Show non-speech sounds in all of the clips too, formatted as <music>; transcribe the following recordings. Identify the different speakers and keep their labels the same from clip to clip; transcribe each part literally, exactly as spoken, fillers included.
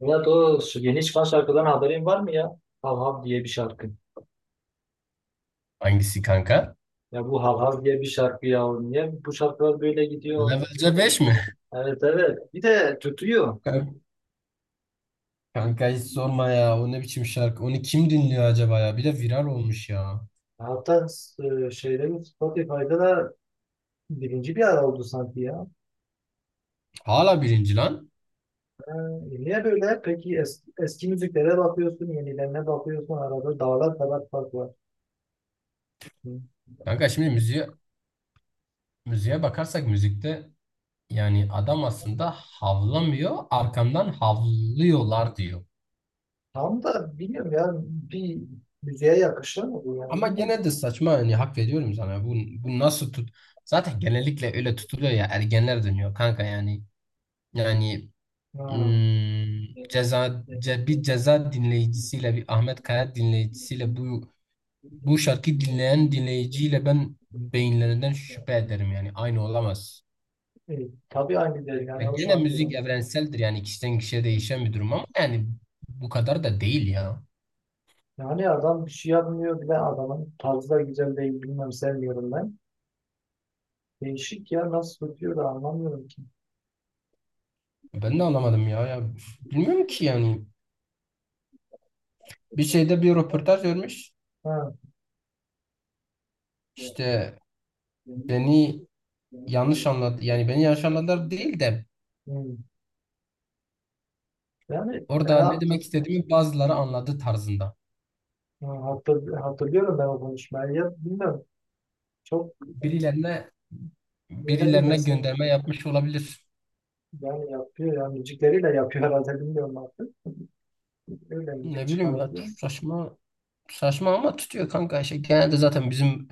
Speaker 1: Ya o yeni çıkan şarkıdan haberin var mı ya? Hav Hav diye bir şarkı.
Speaker 2: Hangisi kanka?
Speaker 1: Ya bu Hav Hav diye bir şarkı ya. Niye bu şarkılar böyle gidiyor?
Speaker 2: Levelce beş mi?
Speaker 1: Evet, evet. Bir de tutuyor.
Speaker 2: Kanka, kanka hiç sorma ya. O ne biçim şarkı? Onu kim dinliyor acaba ya? Bir de viral olmuş ya.
Speaker 1: Hatta e, şeyde mi, Spotify'da da birinci bir ara oldu sanki ya.
Speaker 2: Hala birinci lan.
Speaker 1: Ha, e, niye böyle? Peki es- eski müziklere bakıyorsun, yenilerine bakıyorsun. Arada dağlar kadar fark var. Hı.
Speaker 2: Kanka şimdi müziğe, müziğe bakarsak müzikte yani adam aslında havlamıyor, arkamdan havlıyorlar diyor.
Speaker 1: Tam da bilmiyorum ya. Bir müziğe yakışır mı bu yani?
Speaker 2: Ama
Speaker 1: Bilmiyorum
Speaker 2: gene de
Speaker 1: ki.
Speaker 2: saçma yani hak veriyorum sana. Bu, bu nasıl tut? Zaten genellikle öyle tutuluyor ya ergenler dönüyor kanka yani. Yani
Speaker 1: Ha.
Speaker 2: Hmm,
Speaker 1: Ceza,
Speaker 2: ceza
Speaker 1: resmi.
Speaker 2: ce- bir ceza dinleyicisiyle bir Ahmet Kaya dinleyicisiyle bu bu şarkı dinleyen dinleyiciyle ben beyinlerinden şüphe ederim yani aynı olamaz.
Speaker 1: E, tabii aynı değil
Speaker 2: Ya
Speaker 1: yani o
Speaker 2: gene müzik
Speaker 1: şartlarda.
Speaker 2: evrenseldir yani kişiden kişiye değişen bir durum ama yani bu kadar da değil ya.
Speaker 1: Yani adam bir şey yapmıyor bile, adamın tarzı da güzel değil, bilmem, sevmiyorum ben. Değişik ya, nasıl tutuyor da anlamıyorum ki.
Speaker 2: Ben de anlamadım ya ya bilmiyorum ki yani bir şeyde bir röportaj vermiş
Speaker 1: Ha.
Speaker 2: işte beni yanlış anladı yani beni yanlış anladılar değil de
Speaker 1: hmm. Yani
Speaker 2: orada ne
Speaker 1: ha,
Speaker 2: demek istediğimi bazıları anladı tarzında
Speaker 1: ha- hatır- hatırlıyorum ben o konuşmayı. Ya bilmiyorum. Çok
Speaker 2: birilerine
Speaker 1: ne
Speaker 2: birilerine
Speaker 1: bilmesin.
Speaker 2: gönderme yapmış olabilir.
Speaker 1: Yani yapıyor ya. Müzikleriyle yapıyor herhalde, bilmiyorum artık. Öyle müzik
Speaker 2: Ne bileyim ya
Speaker 1: çıkartıyor.
Speaker 2: saçma saçma ama tutuyor kanka. Şey, genelde zaten bizim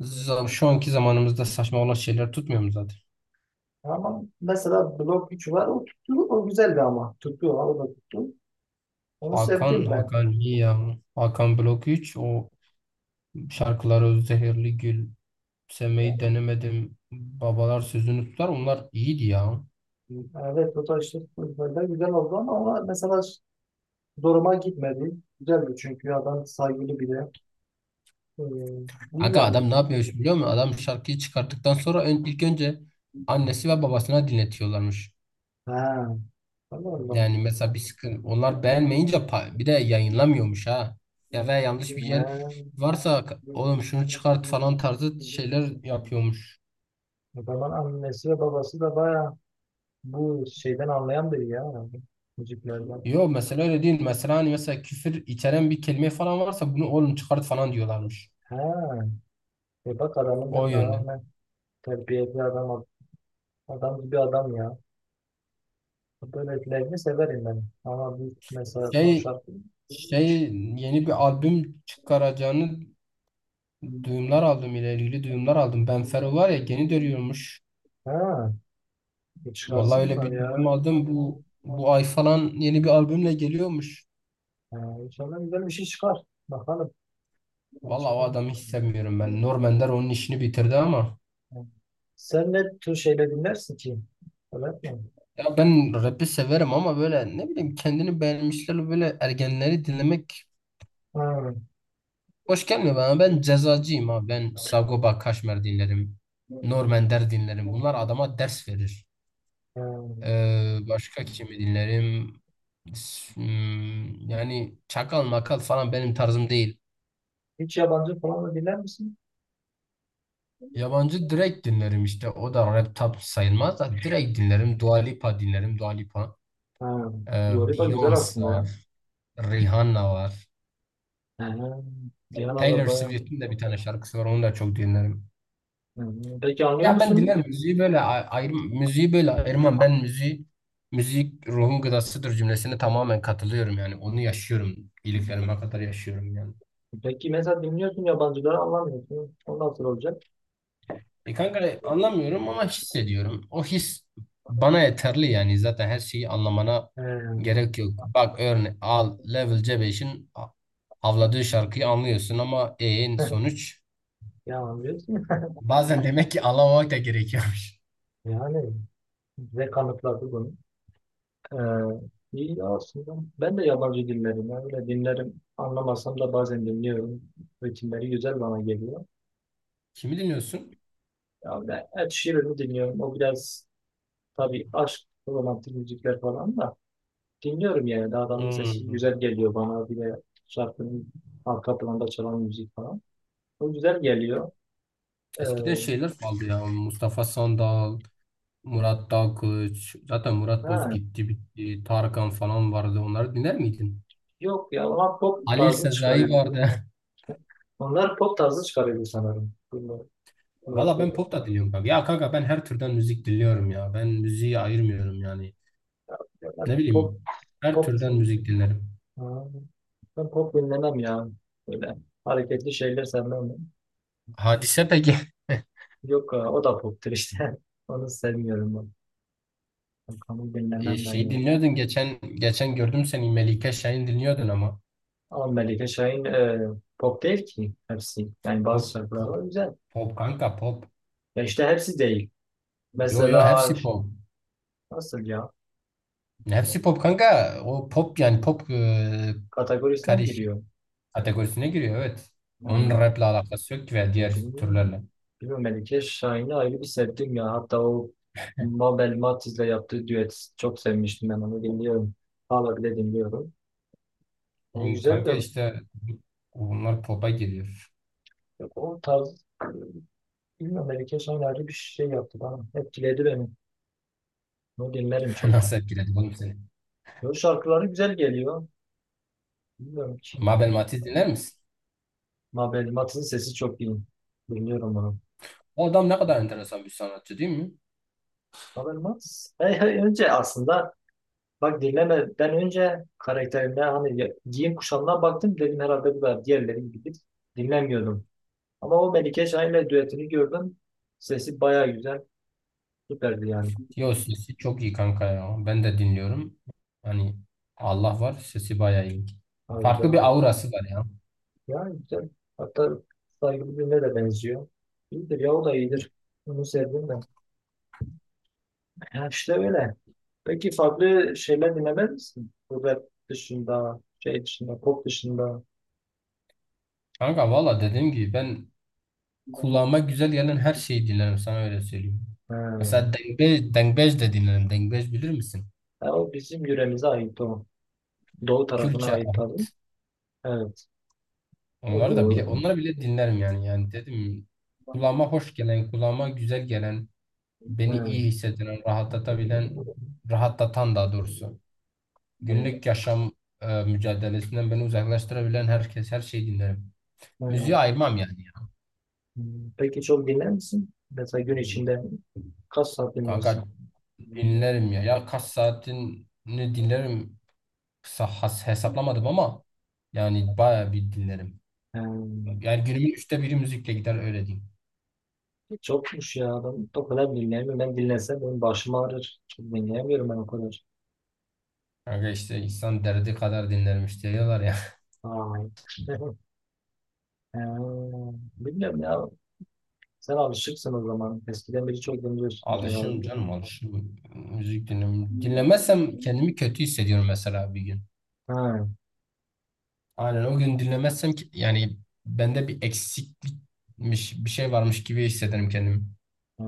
Speaker 2: zam- şu anki zamanımızda saçma olan şeyler tutmuyor mu zaten?
Speaker 1: Ama mesela blok üç var. O tuttu. O güzeldi ama. Tuttu. O da tuttu. Onu
Speaker 2: Hakan,
Speaker 1: sevdim ben.
Speaker 2: Hakan iyi ya. Hakan Blok üç o şarkıları Zehirli Gül,
Speaker 1: Ya,
Speaker 2: Sevmeyi Denemedim, Babalar Sözünü Tutar onlar iyiydi ya.
Speaker 1: evet o da işte böyle güzel oldu ama ona mesela zoruma gitmedi. Güzeldi çünkü adam saygılı biri. Ee, iyi
Speaker 2: Kanka
Speaker 1: yani.
Speaker 2: adam ne yapıyormuş biliyor musun? Adam şarkıyı çıkarttıktan sonra ön- ilk önce annesi ve babasına dinletiyorlarmış.
Speaker 1: Ha, Allah Allah.
Speaker 2: Yani mesela bir sıkıntı onlar beğenmeyince pa- bir de yayınlamıyormuş ha. Ya ve yanlış bir yer
Speaker 1: Ha.
Speaker 2: varsa k- oğlum şunu çıkart falan tarzı şeyler yapıyormuş.
Speaker 1: O zaman annesi ve babası da baya bu şeyden anlayan biri ya herhalde. Müziklerden.
Speaker 2: Yo mesela öyle değil. Mesela hani mesela küfür içeren bir kelime falan varsa bunu oğlum çıkart falan diyorlarmış.
Speaker 1: He. E bak adamın
Speaker 2: O
Speaker 1: mesela
Speaker 2: yönden.
Speaker 1: rağmen terbiyeli adam, ad- adam gibi adam ya. Böylelerini severim ben. Ama bu mesela son
Speaker 2: Şey
Speaker 1: şarkı hiç.
Speaker 2: şey yeni bir albüm çıkaracağını duyumlar aldım ile ilgili duyumlar aldım. Ben Fero var ya yeni dönüyormuş.
Speaker 1: He. E,
Speaker 2: Vallahi öyle
Speaker 1: çıkarsınlar
Speaker 2: bir
Speaker 1: ya.
Speaker 2: duyum aldım. Bu bu ay falan yeni bir albümle geliyormuş.
Speaker 1: He. İnşallah güzel bir şey çıkar. Bakalım. Ben
Speaker 2: Vallahi o
Speaker 1: çıkayım.
Speaker 2: adamı hiç sevmiyorum ben. Norman onun işini bitirdi ama.
Speaker 1: Hı. Sen ne tür şeyler dinlersin ki? Öyle mi?
Speaker 2: Ya ben rap'i severim ama böyle ne bileyim kendini beğenmişler böyle ergenleri dinlemek
Speaker 1: Ha.
Speaker 2: hoş gelmiyor bana. Ben cezacıyım abi. Ben Sagopa Kajmer dinlerim. Norman Der dinlerim. Bunlar adama ders verir.
Speaker 1: Ha.
Speaker 2: Ee, başka kimi dinlerim? S- hmm, Yani çakal makal falan benim tarzım değil.
Speaker 1: Hiç yabancı falan da dinler misin?
Speaker 2: Yabancı direkt dinlerim işte. O da rap tap sayılmaz da direkt dinlerim. Dua Lipa dinlerim. Dua Lipa.
Speaker 1: Ha.
Speaker 2: Ee,
Speaker 1: Dua güzel
Speaker 2: Beyoncé
Speaker 1: aslında ya.
Speaker 2: var. Rihanna var.
Speaker 1: Ha. Cihan Araba.
Speaker 2: Taylor Swift'in de bir tane şarkısı var. Onu da çok dinlerim.
Speaker 1: Hı. Peki anlıyor
Speaker 2: Ya ben
Speaker 1: musun?
Speaker 2: dinlerim. Müziği böyle ay- ayrım, müziği böyle ayırmam. Ben müziği müzik ruhun gıdasıdır cümlesine tamamen katılıyorum yani. Onu yaşıyorum. İyiliklerime kadar yaşıyorum yani.
Speaker 1: Peki mesela dinliyorsun, yabancıları anlamıyorsun. O nasıl olacak?
Speaker 2: E kanka anlamıyorum ama hissediyorum. O his bana yeterli yani. Zaten her şeyi anlamana
Speaker 1: He.
Speaker 2: gerek yok. Bak örne al Level C beşin a- avladığı şarkıyı anlıyorsun ama en
Speaker 1: <laughs>
Speaker 2: sonuç.
Speaker 1: Ya anlıyorsun.
Speaker 2: Bazen demek ki anlamamak da gerekiyormuş.
Speaker 1: Yani ve kanıtladı bunu. Ee, iyi ya aslında. Ben de yabancı dinlerim. Yani öyle dinlerim. Anlamasam da bazen dinliyorum. Ritimleri güzel bana geliyor.
Speaker 2: <laughs> Kimi dinliyorsun?
Speaker 1: Ya ben Ed Sheeran'ı dinliyorum. O biraz, tabii aşk, romantik müzikler falan da dinliyorum yani. Daha adamın sesi
Speaker 2: Hmm.
Speaker 1: güzel geliyor bana. Bir de şarkının arka planda çalan müzik falan. O güzel geliyor. Ee,
Speaker 2: Eskiden şeyler kaldı ya. Mustafa Sandal, Murat Dalkılıç. Zaten Murat Boz
Speaker 1: ha,
Speaker 2: gitti bitti. Tarkan falan vardı. Onları dinler miydin?
Speaker 1: yok ya, onlar pop
Speaker 2: Halil
Speaker 1: tarzı
Speaker 2: Sezai
Speaker 1: çıkarıyordu.
Speaker 2: vardı.
Speaker 1: Onlar pop tarzı çıkarıyordu sanırım. Bunlar,
Speaker 2: <laughs>
Speaker 1: bunlar
Speaker 2: Valla ben
Speaker 1: pop,
Speaker 2: pop da dinliyorum kanka. Ya kanka ben her türden müzik dinliyorum ya. Ben müziği ayırmıyorum yani. Ne
Speaker 1: pop,
Speaker 2: bileyim her
Speaker 1: pop.
Speaker 2: türden müzik dinlerim.
Speaker 1: Ha, ben pop dinlemem ya. Böyle hareketli şeyler sevmem ben.
Speaker 2: Hadise peki. <laughs>
Speaker 1: Yok ha, o da poptur işte. <laughs> Onu sevmiyorum ben. Bakalım,
Speaker 2: E,
Speaker 1: dinlemem ben
Speaker 2: şey
Speaker 1: ya.
Speaker 2: dinliyordun geçen geçen gördüm seni Melike Şahin dinliyordun ama.
Speaker 1: Ama Melike Şahin e, pop değil ki hepsi. Yani
Speaker 2: Pop,
Speaker 1: bazı şarkılar
Speaker 2: pop,
Speaker 1: var güzel.
Speaker 2: pop kanka pop.
Speaker 1: Ya işte hepsi değil.
Speaker 2: Yo, yo,
Speaker 1: Mesela
Speaker 2: hepsi pop.
Speaker 1: nasıl ya?
Speaker 2: Hepsi pop kanka. O pop yani pop, e,
Speaker 1: Kategorisine mi
Speaker 2: karışık
Speaker 1: giriyor?
Speaker 2: kategorisine giriyor evet. Onun
Speaker 1: Ha,
Speaker 2: rap'le alakası yok ki veya
Speaker 1: ne
Speaker 2: diğer
Speaker 1: bilmiyorum.
Speaker 2: türlerle.
Speaker 1: Bilmiyorum, Melike Şahin'i ayrı bir sevdim ya. Hatta o Mabel Matiz'le yaptığı düet, çok sevmiştim ben, onu dinliyorum. Hala bile dinliyorum. Onu
Speaker 2: Hmm,
Speaker 1: güzeldi.
Speaker 2: Kanka işte bunlar pop'a giriyor.
Speaker 1: Yok, o tarz, bilmiyorum, belki son ayrı bir şey yaptı bana. Etkiledi beni. Onu dinlerim
Speaker 2: <laughs>
Speaker 1: çok.
Speaker 2: Nasıl etkiledi oğlum seni?
Speaker 1: Yo, şarkıları güzel geliyor. Bilmiyorum ki.
Speaker 2: Mabel Matiz dinler misin?
Speaker 1: Mabel Matiz'in sesi çok iyi. Dinliyorum onu.
Speaker 2: O adam ne kadar enteresan bir sanatçı değil mi?
Speaker 1: Mabel Matiz. Hey, hey, önce aslında bak, dinlemeden önce karakterine, hani ya- giyim kuşamına baktım, dedim herhalde bu da diğerleri gibi, dinlemiyordum. Ama o Melike Şahin'le düetini gördüm. Sesi baya güzel. Süperdi yani.
Speaker 2: Yo sesi çok iyi kanka ya. Ben de dinliyorum. Hani Allah var sesi bayağı iyi.
Speaker 1: Ha, güzel.
Speaker 2: Farklı bir aurası var ya.
Speaker 1: Yani güzel. Hatta saygılı birine de benziyor. İyidir ya, o da iyidir. Bunu sevdim ben. Ya işte öyle. Peki farklı şeyler dinlemez misin? Bu rap dışında, şey dışında, pop dışında.
Speaker 2: Kanka valla dediğim gibi ben kulağıma güzel gelen her şeyi dinlerim sana öyle söyleyeyim.
Speaker 1: Ha.
Speaker 2: Mesela dengbe, dengbej de dinlerim. Dengbej bilir misin?
Speaker 1: Ya o bizim yöremize ait o. Doğu tarafına
Speaker 2: Kürtçe,
Speaker 1: ait tabii.
Speaker 2: ahut.
Speaker 1: Evet.
Speaker 2: Onları da
Speaker 1: Bu,
Speaker 2: bile onları bile dinlerim yani. Yani dedim kulağıma hoş gelen, kulağıma güzel gelen, beni
Speaker 1: evet.
Speaker 2: iyi hissettiren, rahatlatabilen, rahatlatan daha doğrusu.
Speaker 1: Evet,
Speaker 2: Günlük yaşam e, mücadelesinden beni uzaklaştırabilen herkes her şeyi dinlerim. Müziği
Speaker 1: evet.
Speaker 2: ayırmam yani ya.
Speaker 1: Hmm. Peki çok dinler misin? Mesela gün içinde kaç saat
Speaker 2: Kanka
Speaker 1: dinlersin?
Speaker 2: dinlerim ya. Ya kaç saatini dinlerim. Kısa has hesaplamadım ama yani bayağı bir dinlerim.
Speaker 1: Ha.
Speaker 2: Yani günümün üçte biri müzikle gider öyle diyeyim.
Speaker 1: Çokmuş ya. Ben o kadar dinleyemiyorum. Ben dinlesem benim başım ağrır. Çok dinleyemiyorum ben o kadar.
Speaker 2: Kanka işte insan derdi kadar dinlermiş diyorlar ya.
Speaker 1: Ay. <laughs> Ha, bilmiyorum ya. Sen alışıksın o zaman. Eskiden beri çok
Speaker 2: <laughs>
Speaker 1: dinliyorsundur herhalde.
Speaker 2: Alışım canım alışım. Müzik dinlemem. Dinlemezsem kendimi kötü hissediyorum mesela bir gün.
Speaker 1: Ha,
Speaker 2: Aynen o gün dinlemezsem ki- yani bende bir eksiklikmiş bir şey varmış gibi hissederim kendimi.
Speaker 1: ha.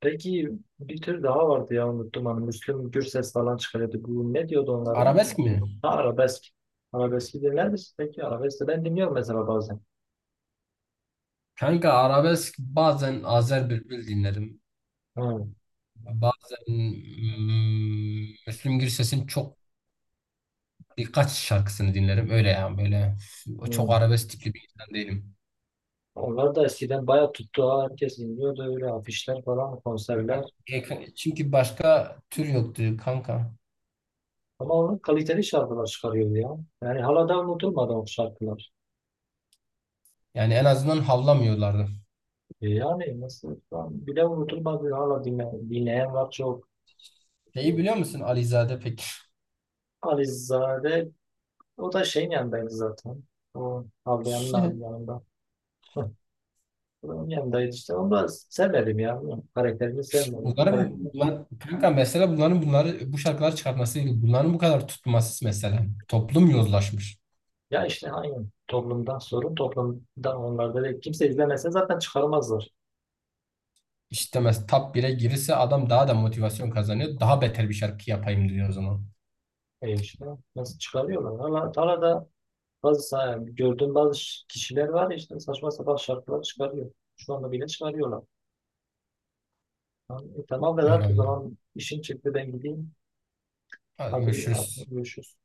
Speaker 1: Peki bir tür daha vardı ya, unuttum, hani Müslüm Gürses falan çıkarıyordu. Bu ne diyordu onlara?
Speaker 2: Arabesk mi?
Speaker 1: Ha, arabesk. Arabeski dinler misin peki? Arabesk de ben dinliyorum mesela bazen.
Speaker 2: Kanka arabesk bazen Azer Bülbül dinlerim.
Speaker 1: Ha,
Speaker 2: Bazen mm, Müslüm Gürses'in çok birkaç şarkısını dinlerim. Öyle yani böyle f- çok
Speaker 1: hı.
Speaker 2: arabesk bir insan değilim.
Speaker 1: Onlar da eskiden bayağı tuttu ha. Herkes dinliyordu, öyle afişler falan, konserler.
Speaker 2: E, Çünkü başka tür yoktu kanka.
Speaker 1: Ama onun kaliteli şarkılar çıkarıyor ya. Yani hala da unutulmadı o şarkılar.
Speaker 2: Yani en azından havlamıyorlardı.
Speaker 1: E yani nasıl, ben bile unutulmadı. Hala dinle, dinleyen var çok.
Speaker 2: Şeyi biliyor musun Alizade peki?
Speaker 1: Alizade, o da şeyin yanındaydı zaten. O Havliyan'ın
Speaker 2: <laughs>
Speaker 1: yanında. Hı. Onun yanındaydı işte. Onu da sevmedim ya. Karakterini sevmedim.
Speaker 2: Bunların
Speaker 1: Karakter-
Speaker 2: bunlar, kanka mesela bunların bunları bu şarkıları çıkartması. Bunların bu kadar tutması mesela. Toplum yozlaşmış.
Speaker 1: Ya işte aynı, toplumdan sorun, toplumdan, onlar da değil. Kimse izlemese zaten çıkarmazlar.
Speaker 2: İşte mesela top bire girirse adam daha da motivasyon kazanıyor. Daha beter bir şarkı yapayım diyor o zaman.
Speaker 1: E işte nasıl çıkarıyorlar? Hala, hala da Bazı sa- gördüğüm bazı ş- kişiler var ya, işte saçma sapan şarkılar çıkarıyor. Şu anda bile çıkarıyorlar. Tamam, e, tamam
Speaker 2: Öyle
Speaker 1: Vedat, o
Speaker 2: oldu.
Speaker 1: zaman işim çıktı, ben gideyim.
Speaker 2: Hadi
Speaker 1: Hadi, hadi
Speaker 2: görüşürüz.
Speaker 1: görüşürüz.